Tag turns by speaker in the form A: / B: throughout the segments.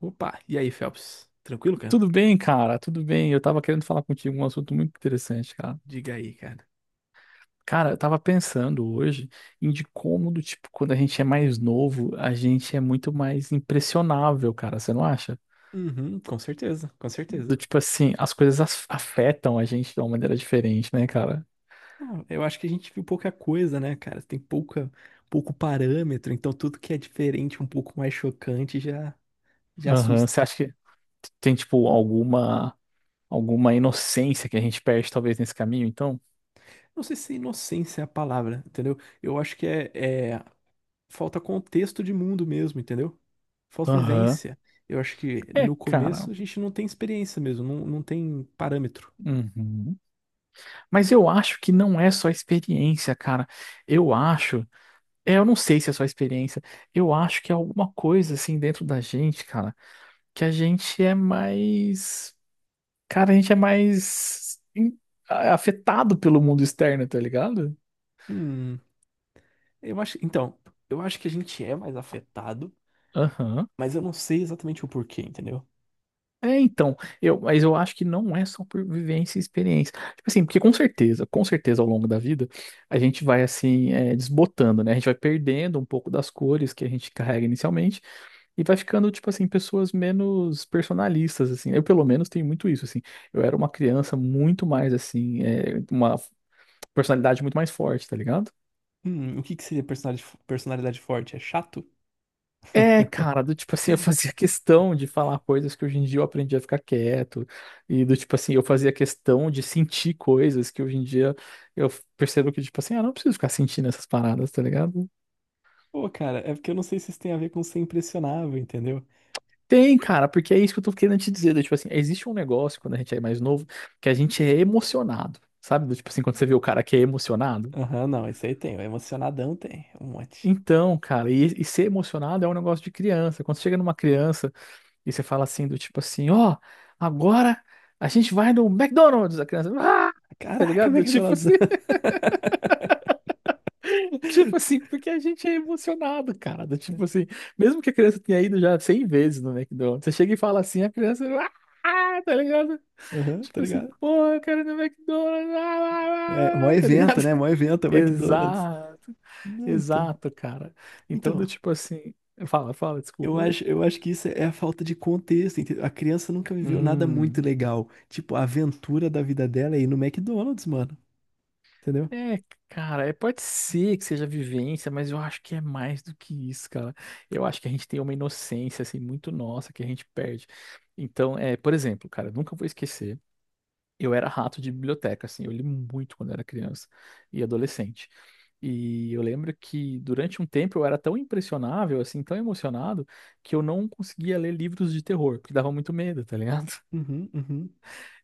A: Opa, e aí, Phelps? Tranquilo, cara?
B: Tudo bem, cara, tudo bem. Eu tava querendo falar contigo um assunto muito interessante, cara.
A: Diga aí, cara.
B: Cara, eu tava pensando hoje de como, do tipo, quando a gente é mais novo, a gente é muito mais impressionável, cara, você não acha?
A: Uhum, com certeza, com
B: Do
A: certeza.
B: tipo assim, as coisas afetam a gente de uma maneira diferente, né, cara?
A: Ah, eu acho que a gente viu pouca coisa, né, cara? Tem pouco parâmetro, então tudo que é diferente, um pouco mais chocante, já
B: Aham.
A: assusta.
B: Você acha que tem, tipo, alguma inocência que a gente perde, talvez, nesse caminho, então?
A: Não sei se inocência é a palavra, entendeu? Eu acho que é falta contexto de mundo mesmo, entendeu? Falta
B: Aham.
A: vivência. Eu acho que
B: É,
A: no
B: cara.
A: começo a gente não tem experiência mesmo, não tem parâmetro.
B: Uhum. Mas eu acho que não é só experiência, cara. Eu acho. É, eu não sei se é só experiência. Eu acho que é alguma coisa assim dentro da gente, cara, que a gente é mais, cara, a gente é mais em- a- afetado pelo mundo externo, tá ligado?
A: Hum, eu acho, então, eu acho que a gente é mais afetado.
B: Aham.
A: Mas eu não sei exatamente o porquê, entendeu?
B: É, então, mas eu acho que não é só por vivência e experiência. Tipo assim, porque com certeza ao longo da vida, a gente vai assim, é, desbotando, né? A gente vai perdendo um pouco das cores que a gente carrega inicialmente. E vai ficando, tipo assim, pessoas menos personalistas, assim. Eu, pelo menos, tenho muito isso, assim. Eu era uma criança muito mais, assim, é, uma personalidade muito mais forte, tá ligado?
A: O que que seria personalidade, personalidade forte? É chato?
B: É, cara, do tipo assim, eu fazia questão de falar coisas que hoje em dia eu aprendi a ficar quieto, e do tipo assim, eu fazia questão de sentir coisas que hoje em dia eu percebo que, tipo assim, ah, não preciso ficar sentindo essas paradas, tá ligado?
A: Pô, cara, é porque eu não sei se isso tem a ver com ser impressionável, entendeu?
B: Tem, cara, porque é isso que eu tô querendo te dizer. Do tipo assim, existe um negócio quando a gente é mais novo que a gente é emocionado, sabe? Do tipo assim, quando você vê o cara que é emocionado.
A: Aham, não, esse aí tem. O emocionadão tem. Um monte.
B: Então, cara, e ser emocionado é um negócio de criança. Quando você chega numa criança e você fala assim, do tipo assim, ó, agora a gente vai no McDonald's, a criança, ah! Tá
A: Caraca,
B: ligado? Do tipo
A: McDonald's.
B: assim, tipo assim, porque a gente é emocionado, cara. Do tipo assim, mesmo que a criança tenha ido já 100 vezes no McDonald's, você chega e fala assim, a criança, ah! Tá ligado?
A: Aham, tá
B: Tipo assim,
A: ligado?
B: porra, eu quero ir no McDonald's, ah,
A: É,
B: ah,
A: mó
B: ah, ah", tá
A: evento,
B: ligado?
A: né? Mó evento é o McDonald's.
B: Exato,
A: Não, então.
B: exato, cara. Então, do
A: Então,
B: tipo assim, fala, fala,
A: eu
B: desculpa.
A: acho, eu acho que isso é a falta de contexto, entendeu? A criança nunca viveu nada muito
B: Hum.
A: legal. Tipo, a aventura da vida dela é ir no McDonald's, mano. Entendeu?
B: É, cara, é, pode ser que seja vivência, mas eu acho que é mais do que isso, cara. Eu acho que a gente tem uma inocência, assim, muito nossa que a gente perde. Então, é, por exemplo, cara, eu nunca vou esquecer. Eu era rato de biblioteca, assim, eu li muito quando era criança e adolescente. E eu lembro que durante um tempo eu era tão impressionável, assim, tão emocionado, que eu não conseguia ler livros de terror, porque dava muito medo, tá ligado?
A: Uhum, uhum.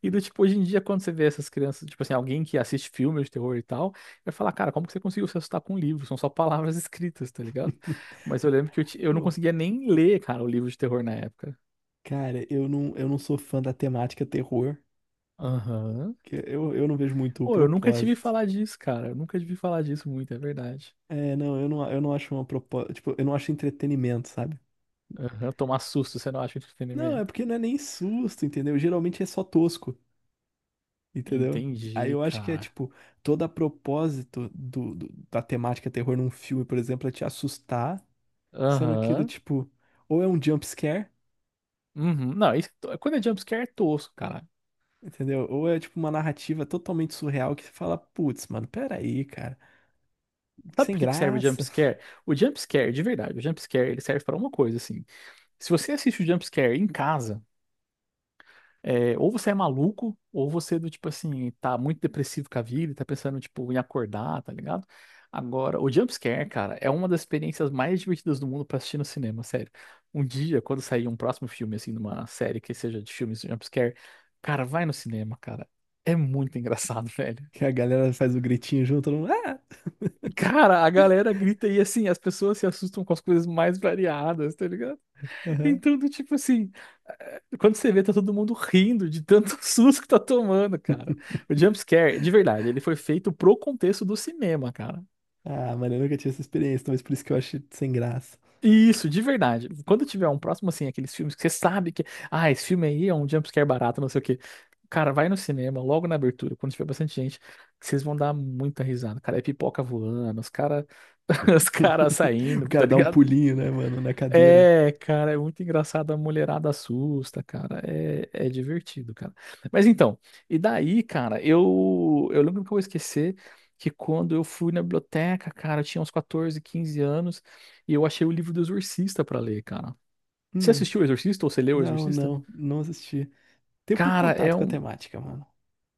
B: E do tipo, hoje em dia, quando você vê essas crianças, tipo assim, alguém que assiste filmes de terror e tal, vai falar, cara, como que você conseguiu se assustar com um livro? São só palavras escritas, tá ligado? Mas eu lembro que eu não
A: Pô,
B: conseguia nem ler, cara, o livro de terror na época.
A: cara, eu não sou fã da temática terror,
B: Aham.
A: que eu não vejo muito o
B: Pô, eu nunca tive
A: propósito.
B: falar disso, cara. Eu nunca tive falar disso muito, é verdade.
A: É, não, eu não acho uma propósito, tipo, eu não acho entretenimento, sabe?
B: Aham, tomar susto, você não acha
A: Não, é
B: entretenimento.
A: porque não é nem susto, entendeu? Geralmente é só tosco, entendeu? Aí
B: Entendi,
A: eu acho que é,
B: cara.
A: tipo, todo a propósito da temática terror num filme, por exemplo, é te assustar, sendo que do
B: Aham.
A: tipo, ou é um jump scare,
B: Uhum. Não, isso, quando é jumpscare é tosco, cara.
A: entendeu? Ou é, tipo, uma narrativa totalmente surreal que você fala, putz, mano, peraí, cara, que
B: Sabe
A: sem
B: por que que serve o
A: graça.
B: jumpscare? O jumpscare, de verdade, o jumpscare ele serve pra uma coisa, assim. Se você assiste o jumpscare em casa, é, ou você é maluco, ou você é do tipo assim, tá muito depressivo com a vida, e tá pensando tipo em acordar, tá ligado? Agora, o jumpscare, cara, é uma das experiências mais divertidas do mundo pra assistir no cinema, sério. Um dia, quando sair um próximo filme, assim, numa série que seja de filmes de jumpscare, cara, vai no cinema, cara. É muito engraçado, velho.
A: Que a galera faz o gritinho junto, todo mundo, ah!
B: Cara, a galera grita e assim, as pessoas se assustam com as coisas mais variadas, tá.
A: Aham.
B: Então, do tipo assim, quando você vê, tá todo mundo rindo de tanto susto que tá tomando, cara. O jumpscare, de verdade, ele foi feito pro contexto do cinema, cara.
A: Ah, mano, eu nunca tive essa experiência, talvez por isso que eu acho sem graça.
B: Isso, de verdade. Quando tiver um próximo, assim, aqueles filmes que você sabe que, ah, esse filme aí é um jumpscare barato, não sei o quê. Cara, vai no cinema, logo na abertura, quando tiver bastante gente, que vocês vão dar muita risada. Cara, é pipoca voando, os cara, os caras
A: O
B: saindo, tá
A: cara dá um
B: ligado?
A: pulinho, né, mano, na cadeira.
B: É, cara, é muito engraçado. A mulherada assusta, cara. É divertido, cara. Mas então, e daí, cara, eu lembro que eu vou esquecer que quando eu fui na biblioteca, cara, eu tinha uns 14, 15 anos e eu achei o livro do Exorcista pra ler, cara. Você
A: Hum,
B: assistiu o Exorcista ou você leu o
A: não,
B: Exorcista?
A: não, não assisti. Tem pouco
B: Cara, é
A: contato com a
B: um.
A: temática, mano.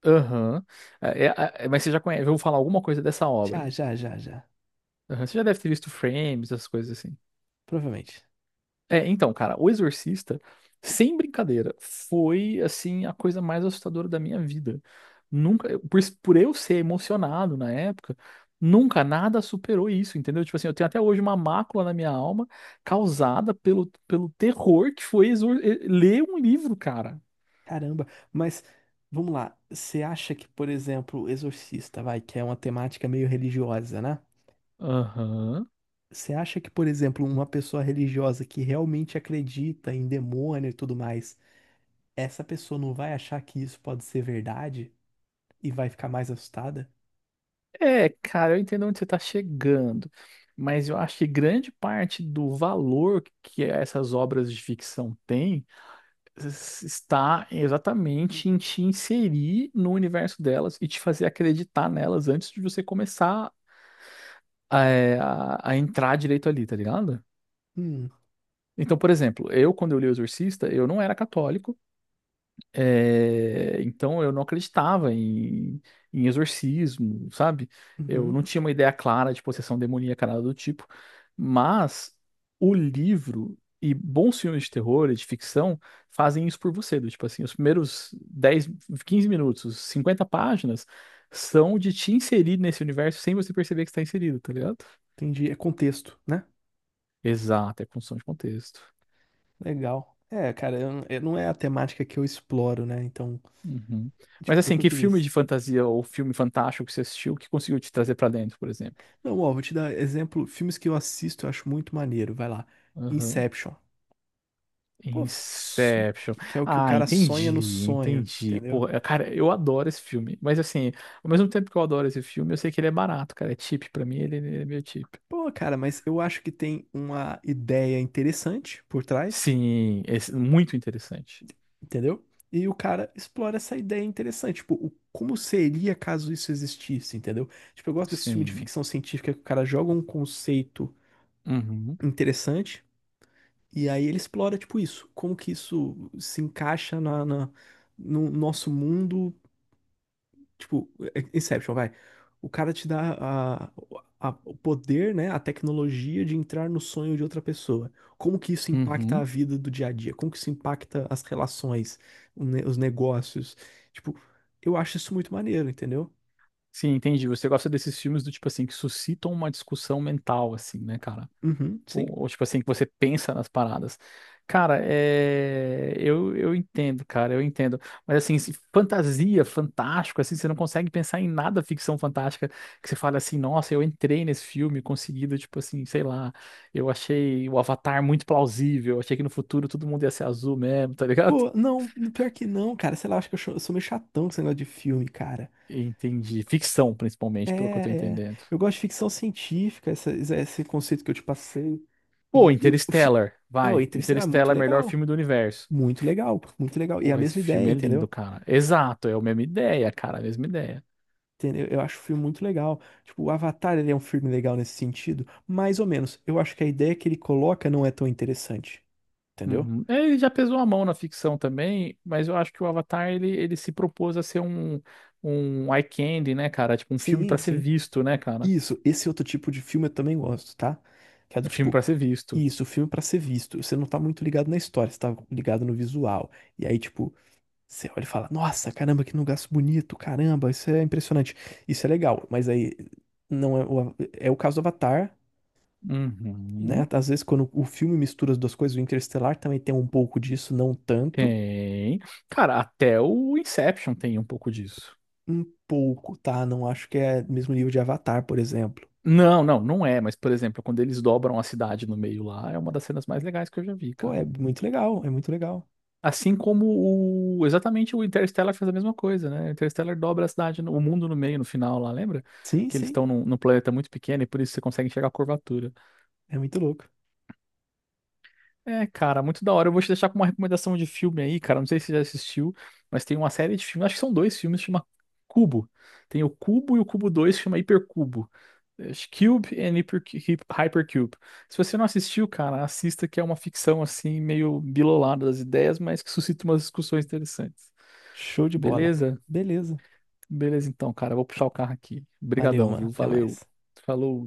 B: Aham. É, é- mas você já conhece, eu vou falar alguma coisa dessa
A: Já,
B: obra.
A: já, já, já.
B: Aham. Você já deve ter visto frames, essas coisas assim.
A: Provavelmente.
B: É, então, cara, o Exorcista, sem brincadeira, foi assim a coisa mais assustadora da minha vida. Nunca, por eu ser emocionado na época, nunca nada superou isso, entendeu? Tipo assim, eu tenho até hoje uma mácula na minha alma causada pelo terror que foi ler um livro, cara.
A: Caramba, mas vamos lá. Você acha que, por exemplo, Exorcista, vai, que é uma temática meio religiosa, né?
B: Aham.
A: Você acha que, por exemplo, uma pessoa religiosa que realmente acredita em demônio e tudo mais, essa pessoa não vai achar que isso pode ser verdade e vai ficar mais assustada?
B: É, cara, eu entendo onde você está chegando, mas eu acho que grande parte do valor que essas obras de ficção têm está exatamente em te inserir no universo delas e te fazer acreditar nelas antes de você começar a entrar direito ali, tá ligado?
A: Hum,
B: Então, por exemplo, eu, quando eu li o Exorcista, eu não era católico. É, então eu não acreditava em exorcismo, sabe? Eu
A: uhum,
B: não tinha uma ideia clara de possessão demoníaca, nada do tipo. Mas o livro e bons filmes de terror e de ficção fazem isso por você. Do tipo assim, os primeiros 10, 15 minutos, os 50 páginas, são de te inserir nesse universo sem você perceber que está inserido, tá ligado?
A: entendi. É contexto, né?
B: Exato, é construção de contexto.
A: Legal. É, cara, não é a temática que eu exploro, né? Então,
B: Uhum.
A: tipo,
B: Mas
A: é o
B: assim,
A: que eu
B: que
A: te
B: filme
A: disse.
B: de fantasia ou filme fantástico que você assistiu que conseguiu te trazer pra dentro, por exemplo?
A: Não, ó, vou te dar exemplo. Filmes que eu assisto, eu acho muito maneiro. Vai lá.
B: Uhum.
A: Inception. Pô,
B: Inception.
A: que é o que o
B: Ah,
A: cara sonha no
B: entendi,
A: sonho,
B: entendi.
A: entendeu?
B: Pô, é, cara, eu adoro esse filme. Mas assim, ao mesmo tempo que eu adoro esse filme, eu sei que ele é barato, cara. É cheap pra mim, ele é meio cheap.
A: Pô, cara, mas eu acho que tem uma ideia interessante por trás.
B: Sim, esse- muito interessante.
A: Entendeu? E o cara explora essa ideia interessante, tipo, o, como seria caso isso existisse, entendeu? Tipo, eu gosto desse filme de
B: Sim.
A: ficção científica que o cara joga um conceito
B: Uhum,
A: interessante e aí ele explora, tipo, isso, como que isso se encaixa no nosso mundo. Tipo, Inception, vai. O cara te dá a- o poder, né, a tecnologia de entrar no sonho de outra pessoa. Como que isso impacta a
B: uhum.
A: vida do dia a dia? Como que isso impacta as relações, os negócios? Tipo, eu acho isso muito maneiro, entendeu?
B: Sim, entendi. Você gosta desses filmes do tipo assim, que suscitam uma discussão mental, assim, né, cara?
A: Uhum, sim.
B: Ou, tipo assim, que você pensa nas paradas. Cara, é... eu entendo, cara, eu entendo. Mas assim, fantasia, fantástico, assim, você não consegue pensar em nada ficção fantástica que você fala assim, nossa, eu entrei nesse filme conseguido, tipo assim, sei lá, eu achei o Avatar muito plausível, eu achei que no futuro todo mundo ia ser azul mesmo, tá ligado?
A: Pô, não, pior que não, cara. Sei lá, acho que eu sou meio chatão com esse negócio de filme, cara.
B: Entendi. Ficção,
A: É,
B: principalmente, pelo que eu tô
A: é.
B: entendendo.
A: Eu gosto de ficção científica, esse conceito que eu te passei.
B: Pô,
A: E
B: Interstellar,
A: não, e
B: vai.
A: Interestelar é muito
B: Interstellar é o melhor
A: legal.
B: filme do universo.
A: Muito legal, muito legal. E a
B: Porra, esse
A: mesma ideia,
B: filme é lindo,
A: entendeu?
B: cara. Exato, é a mesma ideia, cara, a mesma ideia.
A: Entendeu? Eu acho o filme muito legal. Tipo, o Avatar, ele é um filme legal nesse sentido, mais ou menos. Eu acho que a ideia que ele coloca não é tão interessante, entendeu?
B: Uhum. É, ele já pesou a mão na ficção também, mas eu acho que o Avatar ele, ele se propôs a ser um eye candy, né, cara? Tipo, um filme
A: Sim,
B: pra ser
A: sim.
B: visto, né, cara?
A: Isso, esse outro tipo de filme eu também gosto, tá? Que é do
B: Um filme
A: tipo,
B: pra ser visto.
A: isso, filme pra ser visto. Você não tá muito ligado na história, você tá ligado no visual. E aí, tipo, você olha e fala: "Nossa, caramba, que lugar bonito, caramba, isso é impressionante". Isso é legal, mas aí não é o, é o caso do Avatar, né?
B: Uhum.
A: Às vezes quando o filme mistura as duas coisas, o Interestelar também tem um pouco disso, não tanto,
B: Tem. Cara, até o Inception tem um pouco disso.
A: um pouco, tá? Não acho que é mesmo nível de Avatar, por exemplo.
B: Não, não, não é, mas por exemplo, quando eles dobram a cidade no meio lá, é uma das cenas mais legais que eu já vi,
A: Pô,
B: cara.
A: é muito legal, é muito legal.
B: Assim como exatamente o Interstellar faz a mesma coisa, né? O Interstellar dobra a cidade, o mundo no meio, no final lá, lembra?
A: Sim,
B: Que eles
A: sim,
B: estão num planeta muito pequeno e por isso você consegue enxergar a curvatura.
A: é muito louco.
B: É, cara, muito da hora. Eu vou te deixar com uma recomendação de filme aí, cara. Não sei se você já assistiu, mas tem uma série de filmes, acho que são dois filmes, chama Cubo. Tem o Cubo e o Cubo 2 chama Hipercubo. Acho que Cube and Hypercube. Se você não assistiu, cara, assista que é uma ficção assim, meio bilolada das ideias, mas que suscita umas discussões interessantes.
A: Show de bola.
B: Beleza?
A: Beleza.
B: Beleza então, cara. Eu vou puxar o carro aqui.
A: Valeu,
B: Obrigadão,
A: mano.
B: viu?
A: Até
B: Valeu.
A: mais.
B: Falou.